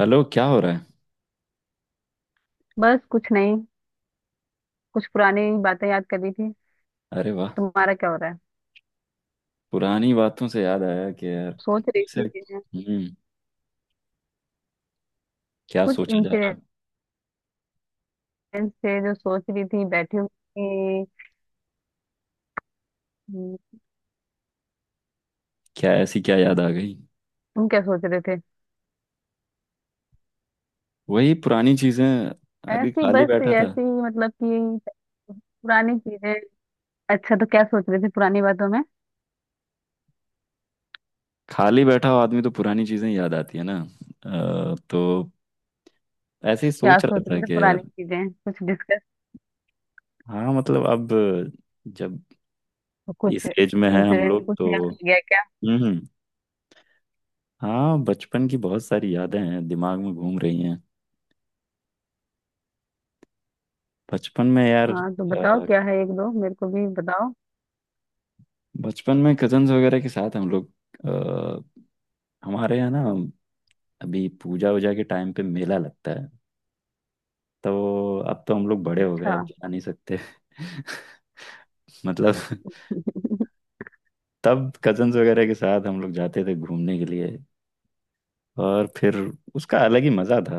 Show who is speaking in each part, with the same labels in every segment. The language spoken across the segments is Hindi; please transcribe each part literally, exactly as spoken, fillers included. Speaker 1: हेलो, क्या हो रहा है।
Speaker 2: बस कुछ नहीं। कुछ पुरानी बातें याद कर रही थी।
Speaker 1: अरे वाह।
Speaker 2: तुम्हारा क्या हो रहा है।
Speaker 1: पुरानी बातों से याद आया कि यार।
Speaker 2: सोच
Speaker 1: कैसे।
Speaker 2: रही थी
Speaker 1: हम्म। क्या
Speaker 2: कुछ
Speaker 1: सोचा जा रहा।
Speaker 2: इंसिडेंट थे जो सोच रही थी बैठी हुई थी। हम्म,
Speaker 1: क्या ऐसी क्या याद आ गई।
Speaker 2: तुम क्या सोच रहे थे।
Speaker 1: वही पुरानी चीजें। अभी
Speaker 2: ऐसी
Speaker 1: खाली
Speaker 2: बस
Speaker 1: बैठा था।
Speaker 2: ऐसी मतलब कि पुरानी चीजें। अच्छा तो क्या सोच रहे थे पुरानी बातों में।
Speaker 1: खाली बैठा हुआ आदमी तो पुरानी चीजें याद आती है ना। अ, तो ऐसे ही
Speaker 2: क्या
Speaker 1: सोच रहा
Speaker 2: सोच रहे
Speaker 1: था
Speaker 2: थे
Speaker 1: कि
Speaker 2: पुरानी
Speaker 1: यार।
Speaker 2: चीजें कुछ डिस्कस।
Speaker 1: हाँ मतलब अब। जब
Speaker 2: कुछ
Speaker 1: इस एज में है हम
Speaker 2: इंसिडेंट
Speaker 1: लोग
Speaker 2: कुछ
Speaker 1: तो।
Speaker 2: याद आ गया क्या।
Speaker 1: हम्म, हम्म। हाँ, बचपन की बहुत सारी यादें हैं, दिमाग में घूम रही हैं। बचपन में यार।
Speaker 2: हाँ तो बताओ क्या है एक दो मेरे को भी बताओ।
Speaker 1: बचपन में कजन्स वगैरह के साथ हम लोग। अ, हमारे यहाँ ना। अभी पूजा वूजा के टाइम पे मेला लगता है। तो अब तो हम लोग बड़े हो गए,
Speaker 2: अच्छा।
Speaker 1: अब जा नहीं सकते। मतलब। तब कजन्स वगैरह के साथ हम लोग जाते थे घूमने के लिए। और फिर उसका अलग ही मजा था।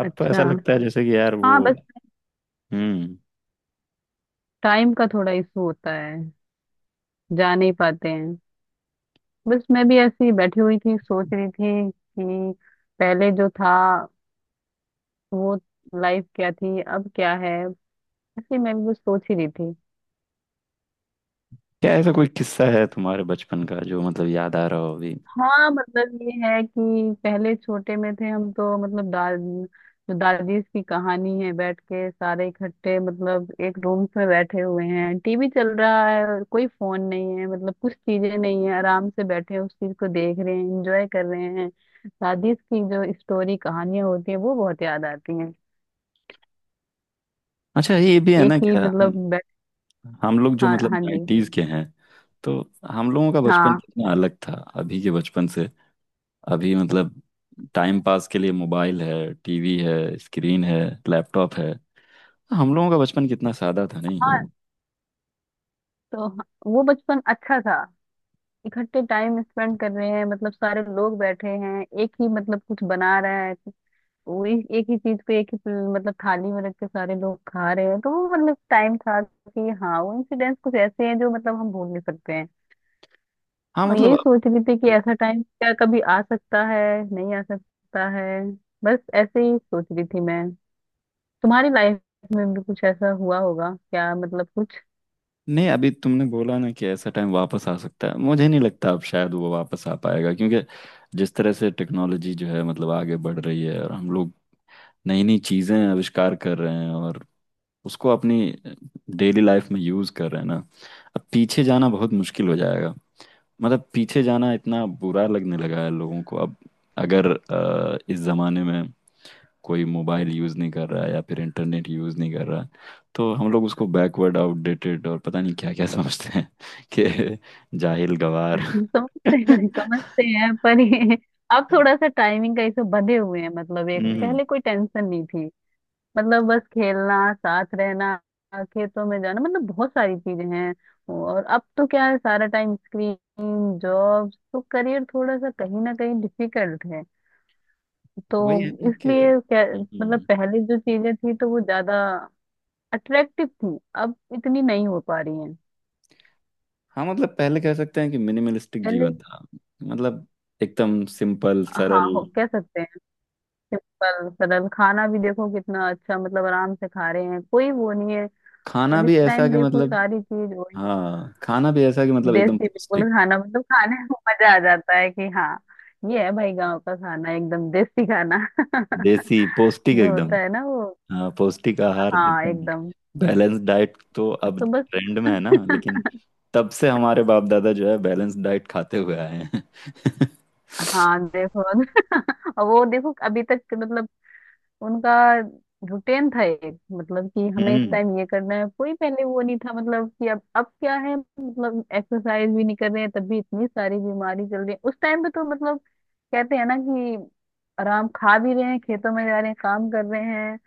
Speaker 1: अब तो ऐसा
Speaker 2: अच्छा।
Speaker 1: लगता है जैसे कि यार वो।
Speaker 2: हाँ बस।
Speaker 1: हम्म।
Speaker 2: टाइम का थोड़ा इशू होता है। जा नहीं पाते हैं। बस मैं भी ऐसी ही बैठी हुई थी सोच रही थी कि पहले जो था वो लाइफ क्या थी अब क्या है। ऐसे मैं भी कुछ सोच ही रही थी।
Speaker 1: क्या ऐसा कोई किस्सा है तुम्हारे बचपन का जो मतलब याद आ रहा हो अभी।
Speaker 2: हाँ मतलब ये है कि पहले छोटे में थे हम तो मतलब दाद जो दादीज की कहानी है बैठ के सारे इकट्ठे मतलब एक रूम में बैठे हुए हैं, टीवी चल रहा है और कोई फोन नहीं है, मतलब कुछ चीजें नहीं है, आराम से बैठे हैं, उस चीज को देख रहे हैं, एंजॉय कर रहे हैं। दादीज की जो स्टोरी कहानियां होती है वो बहुत याद आती हैं।
Speaker 1: अच्छा, ये भी है ना
Speaker 2: एक ही
Speaker 1: क्या हम
Speaker 2: मतलब बैठ।
Speaker 1: हम लोग जो
Speaker 2: हाँ
Speaker 1: मतलब
Speaker 2: हाँ जी।
Speaker 1: नाइन्टीज के हैं। तो हम लोगों का बचपन
Speaker 2: हाँ
Speaker 1: कितना अलग था। अभी के बचपन से। अभी मतलब टाइम पास के लिए मोबाइल है, टीवी है, स्क्रीन है। लैपटॉप है। हम लोगों का बचपन कितना सादा था
Speaker 2: हाँ
Speaker 1: नहीं।
Speaker 2: तो ह- वो बचपन अच्छा था। इकट्ठे टाइम स्पेंड कर रहे हैं, मतलब सारे लोग बैठे हैं एक ही मतलब कुछ बना रहा है। वो एक एक ही चीज को एक ही प्ल- मतलब थाली में रख के सारे लोग खा रहे हैं, तो वो मतलब टाइम था कि हाँ वो इंसिडेंट्स कुछ ऐसे हैं जो मतलब हम भूल नहीं सकते हैं।
Speaker 1: हाँ
Speaker 2: और
Speaker 1: मतलब
Speaker 2: यही
Speaker 1: अब-
Speaker 2: सोच रही थी कि ऐसा टाइम क्या कभी आ सकता है। नहीं आ सकता है। बस ऐसे ही सोच रही थी मैं। तुम्हारी लाइफ में भी कुछ ऐसा हुआ होगा क्या मतलब कुछ।
Speaker 1: नहीं, अभी तुमने बोला ना कि ऐसा टाइम वापस आ सकता है, मुझे नहीं लगता अब शायद वो वापस आ पाएगा। क्योंकि जिस तरह से टेक्नोलॉजी जो है मतलब आगे बढ़ रही है और हम लोग नई नई चीज़ें आविष्कार कर रहे हैं और उसको अपनी डेली लाइफ में यूज़ कर रहे हैं ना। अब पीछे जाना बहुत मुश्किल हो जाएगा। मतलब पीछे जाना इतना बुरा लगने लगा है लोगों को अब। अगर अ, इस ज़माने में कोई मोबाइल यूज़ नहीं कर रहा है या फिर इंटरनेट यूज़ नहीं कर रहा है, तो हम लोग उसको बैकवर्ड, आउटडेटेड और पता नहीं क्या क्या समझते हैं कि जाहिल गवार।
Speaker 2: समझते हैं समझते हैं पर ये अब थोड़ा सा टाइमिंग का इसे बंधे हुए हैं, मतलब एक
Speaker 1: हम्म।
Speaker 2: पहले कोई टेंशन नहीं थी। मतलब बस खेलना साथ रहना खेतों में जाना मतलब बहुत सारी चीजें हैं। और अब तो क्या है, सारा टाइम स्क्रीन जॉब तो करियर थोड़ा सा कहीं ना कहीं डिफिकल्ट है। तो
Speaker 1: वही है ना कि।
Speaker 2: इसलिए क्या मतलब
Speaker 1: हम्म।
Speaker 2: पहले जो चीजें थी तो वो ज्यादा अट्रैक्टिव थी, अब इतनी नहीं हो पा रही हैं।
Speaker 1: हाँ मतलब पहले कह सकते हैं कि मिनिमलिस्टिक
Speaker 2: पहले।
Speaker 1: जीवन था। मतलब एकदम सिंपल सरल।
Speaker 2: हाँ हो कह सकते हैं। सिंपल सरल खाना भी देखो कितना अच्छा, मतलब आराम से खा रहे हैं कोई वो नहीं है।
Speaker 1: खाना
Speaker 2: और इस
Speaker 1: भी ऐसा
Speaker 2: टाइम
Speaker 1: कि
Speaker 2: देखो
Speaker 1: मतलब।
Speaker 2: सारी चीज वही।
Speaker 1: हाँ, खाना भी ऐसा कि मतलब एकदम
Speaker 2: देसी बिल्कुल
Speaker 1: पौष्टिक।
Speaker 2: खाना मतलब खाने में मजा आ जाता है कि हाँ ये है भाई गांव का खाना एकदम देसी खाना
Speaker 1: देसी पौष्टिक
Speaker 2: जो होता
Speaker 1: एकदम।
Speaker 2: है ना वो।
Speaker 1: हाँ, पौष्टिक आहार
Speaker 2: हाँ
Speaker 1: एकदम।
Speaker 2: एकदम।
Speaker 1: बैलेंस डाइट तो अब
Speaker 2: तो बस।
Speaker 1: ट्रेंड में है ना, लेकिन तब से हमारे बाप दादा जो है बैलेंस डाइट खाते हुए आए हैं।
Speaker 2: हाँ देखो और वो देखो अभी तक मतलब उनका रूटीन था एक मतलब कि हमें इस
Speaker 1: हम्म।
Speaker 2: टाइम ये करना है, कोई पहले वो नहीं था मतलब कि अब अब क्या है, मतलब एक्सरसाइज भी नहीं कर रहे हैं तब भी इतनी सारी बीमारी चल रही है, उस टाइम पे तो मतलब कहते हैं ना कि आराम खा भी रहे हैं खेतों में जा रहे हैं काम कर रहे हैं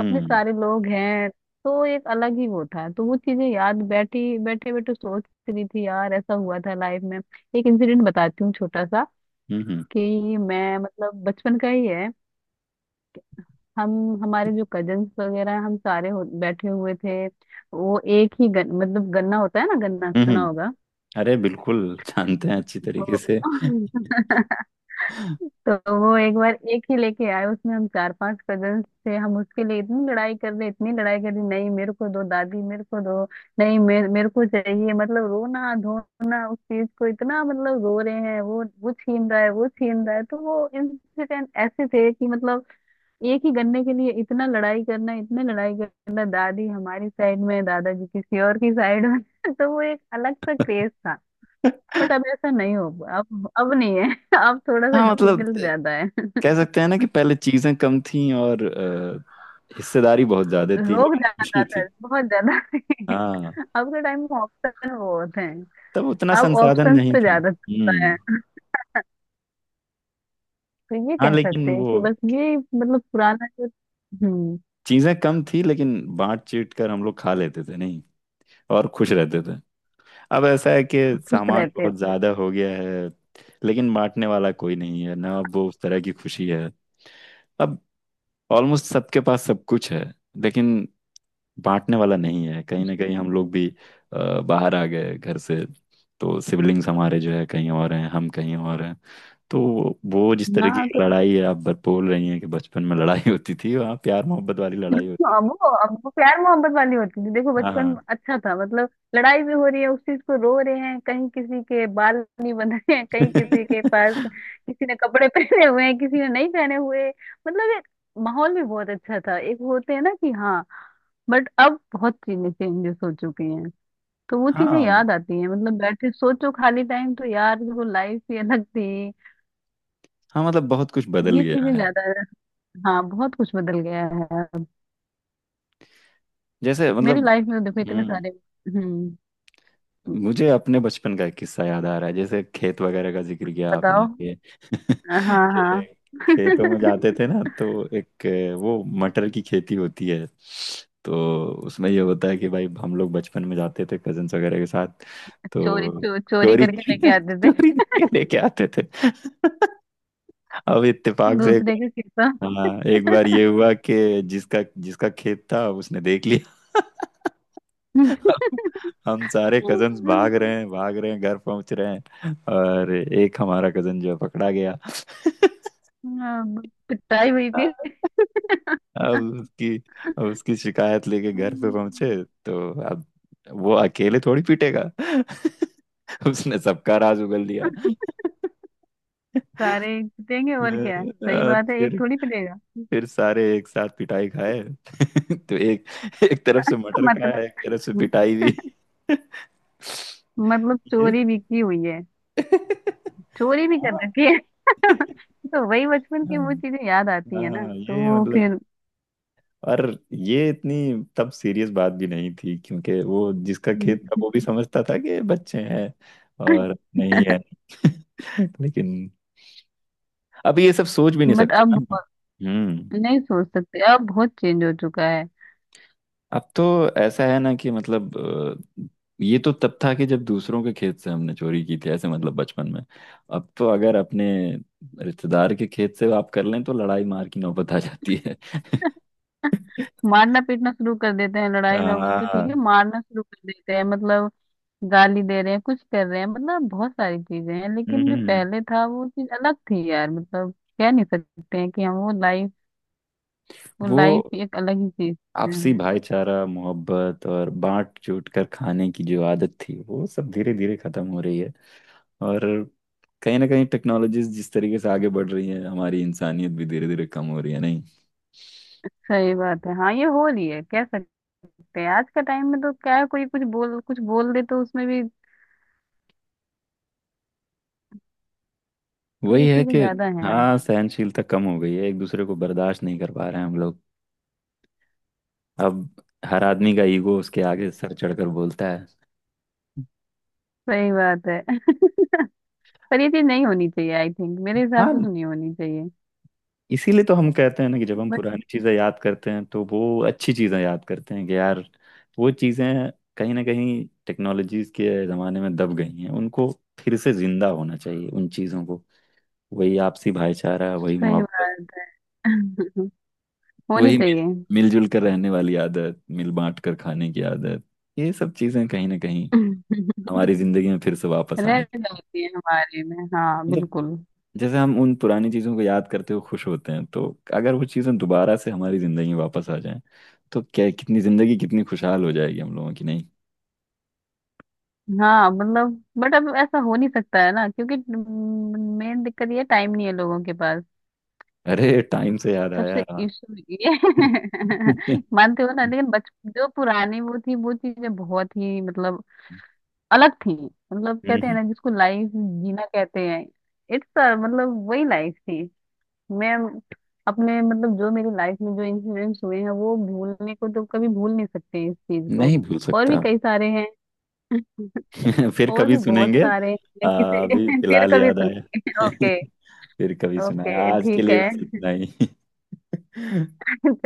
Speaker 2: अपने सारे लोग हैं तो एक अलग ही वो था। तो वो चीजें याद बैठी बैठे बैठे सोच रही थी यार ऐसा हुआ था लाइफ में। एक इंसिडेंट बताती हूँ छोटा सा
Speaker 1: हम्म।
Speaker 2: कि मैं मतलब बचपन का ही है। हम हमारे जो कजन्स वगैरह हैं, हम सारे हो, बैठे हुए थे। वो एक ही गन, मतलब गन्ना होता है ना, गन्ना सुना
Speaker 1: हम्म।
Speaker 2: होगा।
Speaker 1: अरे बिल्कुल। जानते हैं अच्छी तरीके
Speaker 2: तो
Speaker 1: से।
Speaker 2: तो वो एक बार एक ही लेके आए, उसमें हम चार पांच कजन्स थे। हम उसके लिए इतनी लड़ाई कर रहे इतनी लड़ाई कर रहे, नहीं मेरे को दो दादी मेरे को दो, नहीं मेरे मेरे को चाहिए, मतलब रोना धोना उस चीज को इतना मतलब रो रहे हैं, वो वो छीन रहा है वो छीन रहा है, तो वो इंसिडेंट ऐसे थे कि मतलब एक ही गन्ने के लिए इतना लड़ाई करना इतने लड़ाई करना, दादी हमारी साइड में दादाजी किसी और की साइड में। तो वो एक अलग सा क्रेज था। बट अब ऐसा नहीं हो। अब अब नहीं है। अब थोड़ा सा
Speaker 1: हाँ मतलब
Speaker 2: डिफिकल्ट ज्यादा है।
Speaker 1: कह सकते हैं ना कि पहले चीजें कम थी और अ, हिस्सेदारी बहुत ज्यादा थी,
Speaker 2: लोग
Speaker 1: लेकिन
Speaker 2: ज्यादा
Speaker 1: खुशी थी।
Speaker 2: था बहुत ज्यादा थे।
Speaker 1: हाँ,
Speaker 2: अब के टाइम में ऑप्शन वो होते हैं।
Speaker 1: तब उतना
Speaker 2: अब
Speaker 1: संसाधन
Speaker 2: ऑप्शंस
Speaker 1: नहीं
Speaker 2: पे
Speaker 1: था।
Speaker 2: ज्यादा चलता है।
Speaker 1: हम्म।
Speaker 2: तो ये
Speaker 1: हाँ
Speaker 2: कह
Speaker 1: लेकिन
Speaker 2: सकते हैं कि
Speaker 1: वो
Speaker 2: बस ये मतलब पुराना जो। हम्म।
Speaker 1: चीजें कम थी, लेकिन बांट चीट कर हम लोग खा लेते थे नहीं। और खुश रहते थे। अब ऐसा है कि
Speaker 2: खुश
Speaker 1: सामान
Speaker 2: रहते
Speaker 1: बहुत
Speaker 2: थे।
Speaker 1: ज्यादा हो गया है, लेकिन बांटने वाला कोई नहीं है ना। अब वो उस तरह की खुशी है। अब ऑलमोस्ट सबके पास सब कुछ है। लेकिन बांटने वाला नहीं है। कहीं ना कहीं हम लोग भी अ, बाहर आ गए घर से। तो सिबलिंग्स हमारे जो है कहीं और हैं, हम कहीं और हैं। तो वो जिस तरह की
Speaker 2: हाँ
Speaker 1: लड़ाई है आप बर- बोल रही हैं कि बचपन में लड़ाई होती थी, वहाँ प्यार मोहब्बत वाली लड़ाई
Speaker 2: हाँ,
Speaker 1: होती।
Speaker 2: वो अब वो प्यार मोहब्बत वाली होती थी, देखो
Speaker 1: हाँ
Speaker 2: बचपन
Speaker 1: हाँ।
Speaker 2: अच्छा था मतलब। लड़ाई भी हो रही है, उस चीज को रो रहे हैं, कहीं किसी के बाल नहीं बंध रहे हैं, कहीं किसी के पास किसी ने कपड़े पहने हुए हैं किसी ने नहीं पहने हुए, मतलब एक माहौल भी बहुत अच्छा था, एक होते हैं ना कि हाँ। बट अब बहुत चीजें चेंजेस हो चुकी हैं। तो वो चीजें
Speaker 1: हाँ
Speaker 2: याद आती हैं, मतलब बैठे सोचो खाली टाइम तो यार वो लाइफ ही अलग थी।
Speaker 1: हाँ मतलब बहुत कुछ बदल
Speaker 2: ये
Speaker 1: गया
Speaker 2: चीजें
Speaker 1: है।
Speaker 2: ज्यादा। हाँ बहुत कुछ बदल गया है अब।
Speaker 1: जैसे
Speaker 2: मेरी
Speaker 1: मतलब।
Speaker 2: लाइफ में देखो इतने
Speaker 1: हम्म।
Speaker 2: सारे। हम्म।
Speaker 1: मुझे अपने बचपन का एक किस्सा याद आ रहा है जैसे खेत वगैरह का जिक्र किया आपने।
Speaker 2: बताओ।
Speaker 1: के, के
Speaker 2: हाँ। हाँ।
Speaker 1: खेतों में जाते थे ना, तो एक। वो मटर की खेती होती है। तो उसमें ये होता है कि भाई हम लोग बचपन में जाते थे कजन्स वगैरह के साथ।
Speaker 2: चोरी
Speaker 1: तो
Speaker 2: चो, चोरी
Speaker 1: चोरी
Speaker 2: करके लेके आते थे।
Speaker 1: चोरी करके लेके आते थे। अब इत्तेफाक से
Speaker 2: दूसरे का किस्सा।
Speaker 1: हाँ एक बार ये हुआ कि जिसका जिसका खेत था उसने देख लिया। हम सारे
Speaker 2: अब
Speaker 1: कजन्स भाग रहे हैं, भाग रहे हैं, घर पहुंच रहे हैं और एक हमारा कजन जो है पकड़ा गया।
Speaker 2: पिटाई हुई फिर।
Speaker 1: अब उसकी अब उसकी शिकायत लेके घर पे
Speaker 2: हम्म,
Speaker 1: पहुंचे। तो अब वो अकेले थोड़ी पीटेगा। उसने सबका राज उगल दिया।
Speaker 2: सारे पिटेंगे और क्या सही
Speaker 1: अ,
Speaker 2: बात है, एक
Speaker 1: फिर
Speaker 2: थोड़ी पिटेगा।
Speaker 1: फिर सारे एक साथ पिटाई खाए। तो एक एक तरफ से मटर
Speaker 2: मतलब
Speaker 1: खाया, एक तरफ से पिटाई भी।
Speaker 2: मतलब
Speaker 1: ये
Speaker 2: चोरी भी की हुई है। चोरी भी कर
Speaker 1: हाँ
Speaker 2: रखी है। तो वही बचपन की वो चीजें याद आती है ना
Speaker 1: हाँ,
Speaker 2: तो
Speaker 1: ये
Speaker 2: वो
Speaker 1: मतलब।
Speaker 2: फिर
Speaker 1: और ये इतनी तब सीरियस बात भी नहीं थी क्योंकि वो जिसका खेत था वो भी समझता था कि बच्चे हैं और नहीं है। लेकिन अब ये सब सोच भी नहीं
Speaker 2: बट
Speaker 1: सकते
Speaker 2: अब
Speaker 1: ना।
Speaker 2: बहुत-
Speaker 1: हम्म।
Speaker 2: नहीं सोच सकते, अब बहुत चेंज हो चुका है।
Speaker 1: अब तो ऐसा है ना कि मतलब अ, ये तो तब था कि जब दूसरों के खेत से हमने चोरी की थी, ऐसे मतलब बचपन में। अब तो अगर अपने रिश्तेदार के खेत से आप कर लें तो लड़ाई मार की नौबत आ जाती है।
Speaker 2: मारना पीटना शुरू कर देते हैं, लड़ाई नौबत तो ठीक है
Speaker 1: हाँ।
Speaker 2: मारना शुरू कर देते हैं, मतलब गाली दे रहे हैं कुछ कर रहे हैं, मतलब बहुत सारी चीजें हैं लेकिन जो
Speaker 1: हम्म।
Speaker 2: पहले था वो चीज अलग थी यार मतलब। कह नहीं सकते हैं कि हम वो लाइफ वो
Speaker 1: वो
Speaker 2: लाइफ एक अलग ही चीज है।
Speaker 1: आपसी भाईचारा, मोहब्बत और बांट चूट कर खाने की जो आदत थी, वो सब धीरे धीरे खत्म हो रही है। और कहीं ना कहीं टेक्नोलॉजीज जिस तरीके से आगे बढ़ रही है, हमारी इंसानियत भी धीरे धीरे कम हो रही है नहीं।
Speaker 2: सही बात है। हाँ ये हो रही है कह सकते हैं। आज का टाइम में तो क्या है, कोई कुछ बोल कुछ बोल दे तो उसमें भी। तो
Speaker 1: वही
Speaker 2: ये
Speaker 1: है
Speaker 2: चीजें
Speaker 1: कि।
Speaker 2: ज्यादा हैं अब।
Speaker 1: हाँ, सहनशीलता कम हो गई है, एक दूसरे को बर्दाश्त नहीं कर पा रहे हैं हम लोग। अब हर आदमी का ईगो उसके आगे सर चढ़कर बोलता है।
Speaker 2: सही बात है। पर ये चीज नहीं होनी चाहिए, आई थिंक मेरे हिसाब से
Speaker 1: हाँ,
Speaker 2: तो नहीं होनी चाहिए।
Speaker 1: इसीलिए तो हम कहते हैं ना कि जब हम
Speaker 2: बट
Speaker 1: पुरानी चीजें याद करते हैं तो वो अच्छी चीजें याद करते हैं कि यार, वो चीजें कहीं ना कहीं टेक्नोलॉजीज के जमाने में दब गई हैं। उनको फिर से जिंदा होना चाहिए, उन चीजों को। वही आपसी भाईचारा, वही
Speaker 2: सही
Speaker 1: मोहब्बत।
Speaker 2: बात है। होनी
Speaker 1: वही मिल
Speaker 2: चाहिए।
Speaker 1: मिलजुल कर रहने वाली आदत, मिल बांट कर खाने की आदत। ये सब चीजें कहीं ना कहीं हमारी जिंदगी में फिर से वापस
Speaker 2: रह
Speaker 1: आनी।
Speaker 2: जाती है हमारे में, हाँ
Speaker 1: मतलब
Speaker 2: बिल्कुल।
Speaker 1: जैसे हम उन पुरानी चीजों को याद करते हुए खुश होते हैं, तो अगर वो चीजें दोबारा से हमारी जिंदगी में वापस आ जाएं तो क्या कितनी जिंदगी कितनी खुशहाल हो जाएगी हम लोगों की नहीं।
Speaker 2: हाँ मतलब बट अब ऐसा हो नहीं सकता है ना क्योंकि मेन दिक्कत ये टाइम नहीं है लोगों के पास।
Speaker 1: अरे, टाइम से याद
Speaker 2: सबसे
Speaker 1: आया।
Speaker 2: इशू ये
Speaker 1: हम्म,
Speaker 2: मानते हो ना लेकिन बच जो पुरानी वो थी वो चीजें बहुत ही मतलब अलग थी। मतलब कहते हैं
Speaker 1: हम्म।
Speaker 2: ना जिसको लाइफ जीना कहते हैं। इट्स मतलब वही लाइफ थी। मैं अपने मतलब जो मेरी लाइफ में जो इंसिडेंट्स हुए हैं वो भूलने को तो कभी भूल नहीं सकते इस चीज को।
Speaker 1: नहीं भूल
Speaker 2: और भी
Speaker 1: सकता।
Speaker 2: कई सारे हैं।
Speaker 1: फिर
Speaker 2: और
Speaker 1: कभी
Speaker 2: भी बहुत
Speaker 1: सुनेंगे।
Speaker 2: सारे हैं,
Speaker 1: आ,
Speaker 2: किसी
Speaker 1: अभी
Speaker 2: फिर
Speaker 1: फिलहाल
Speaker 2: कभी
Speaker 1: याद आया।
Speaker 2: सुनेंगे। ओके।
Speaker 1: फिर कभी सुनाया,
Speaker 2: ओके
Speaker 1: आज के
Speaker 2: ठीक
Speaker 1: लिए बस
Speaker 2: है।
Speaker 1: इतना ही।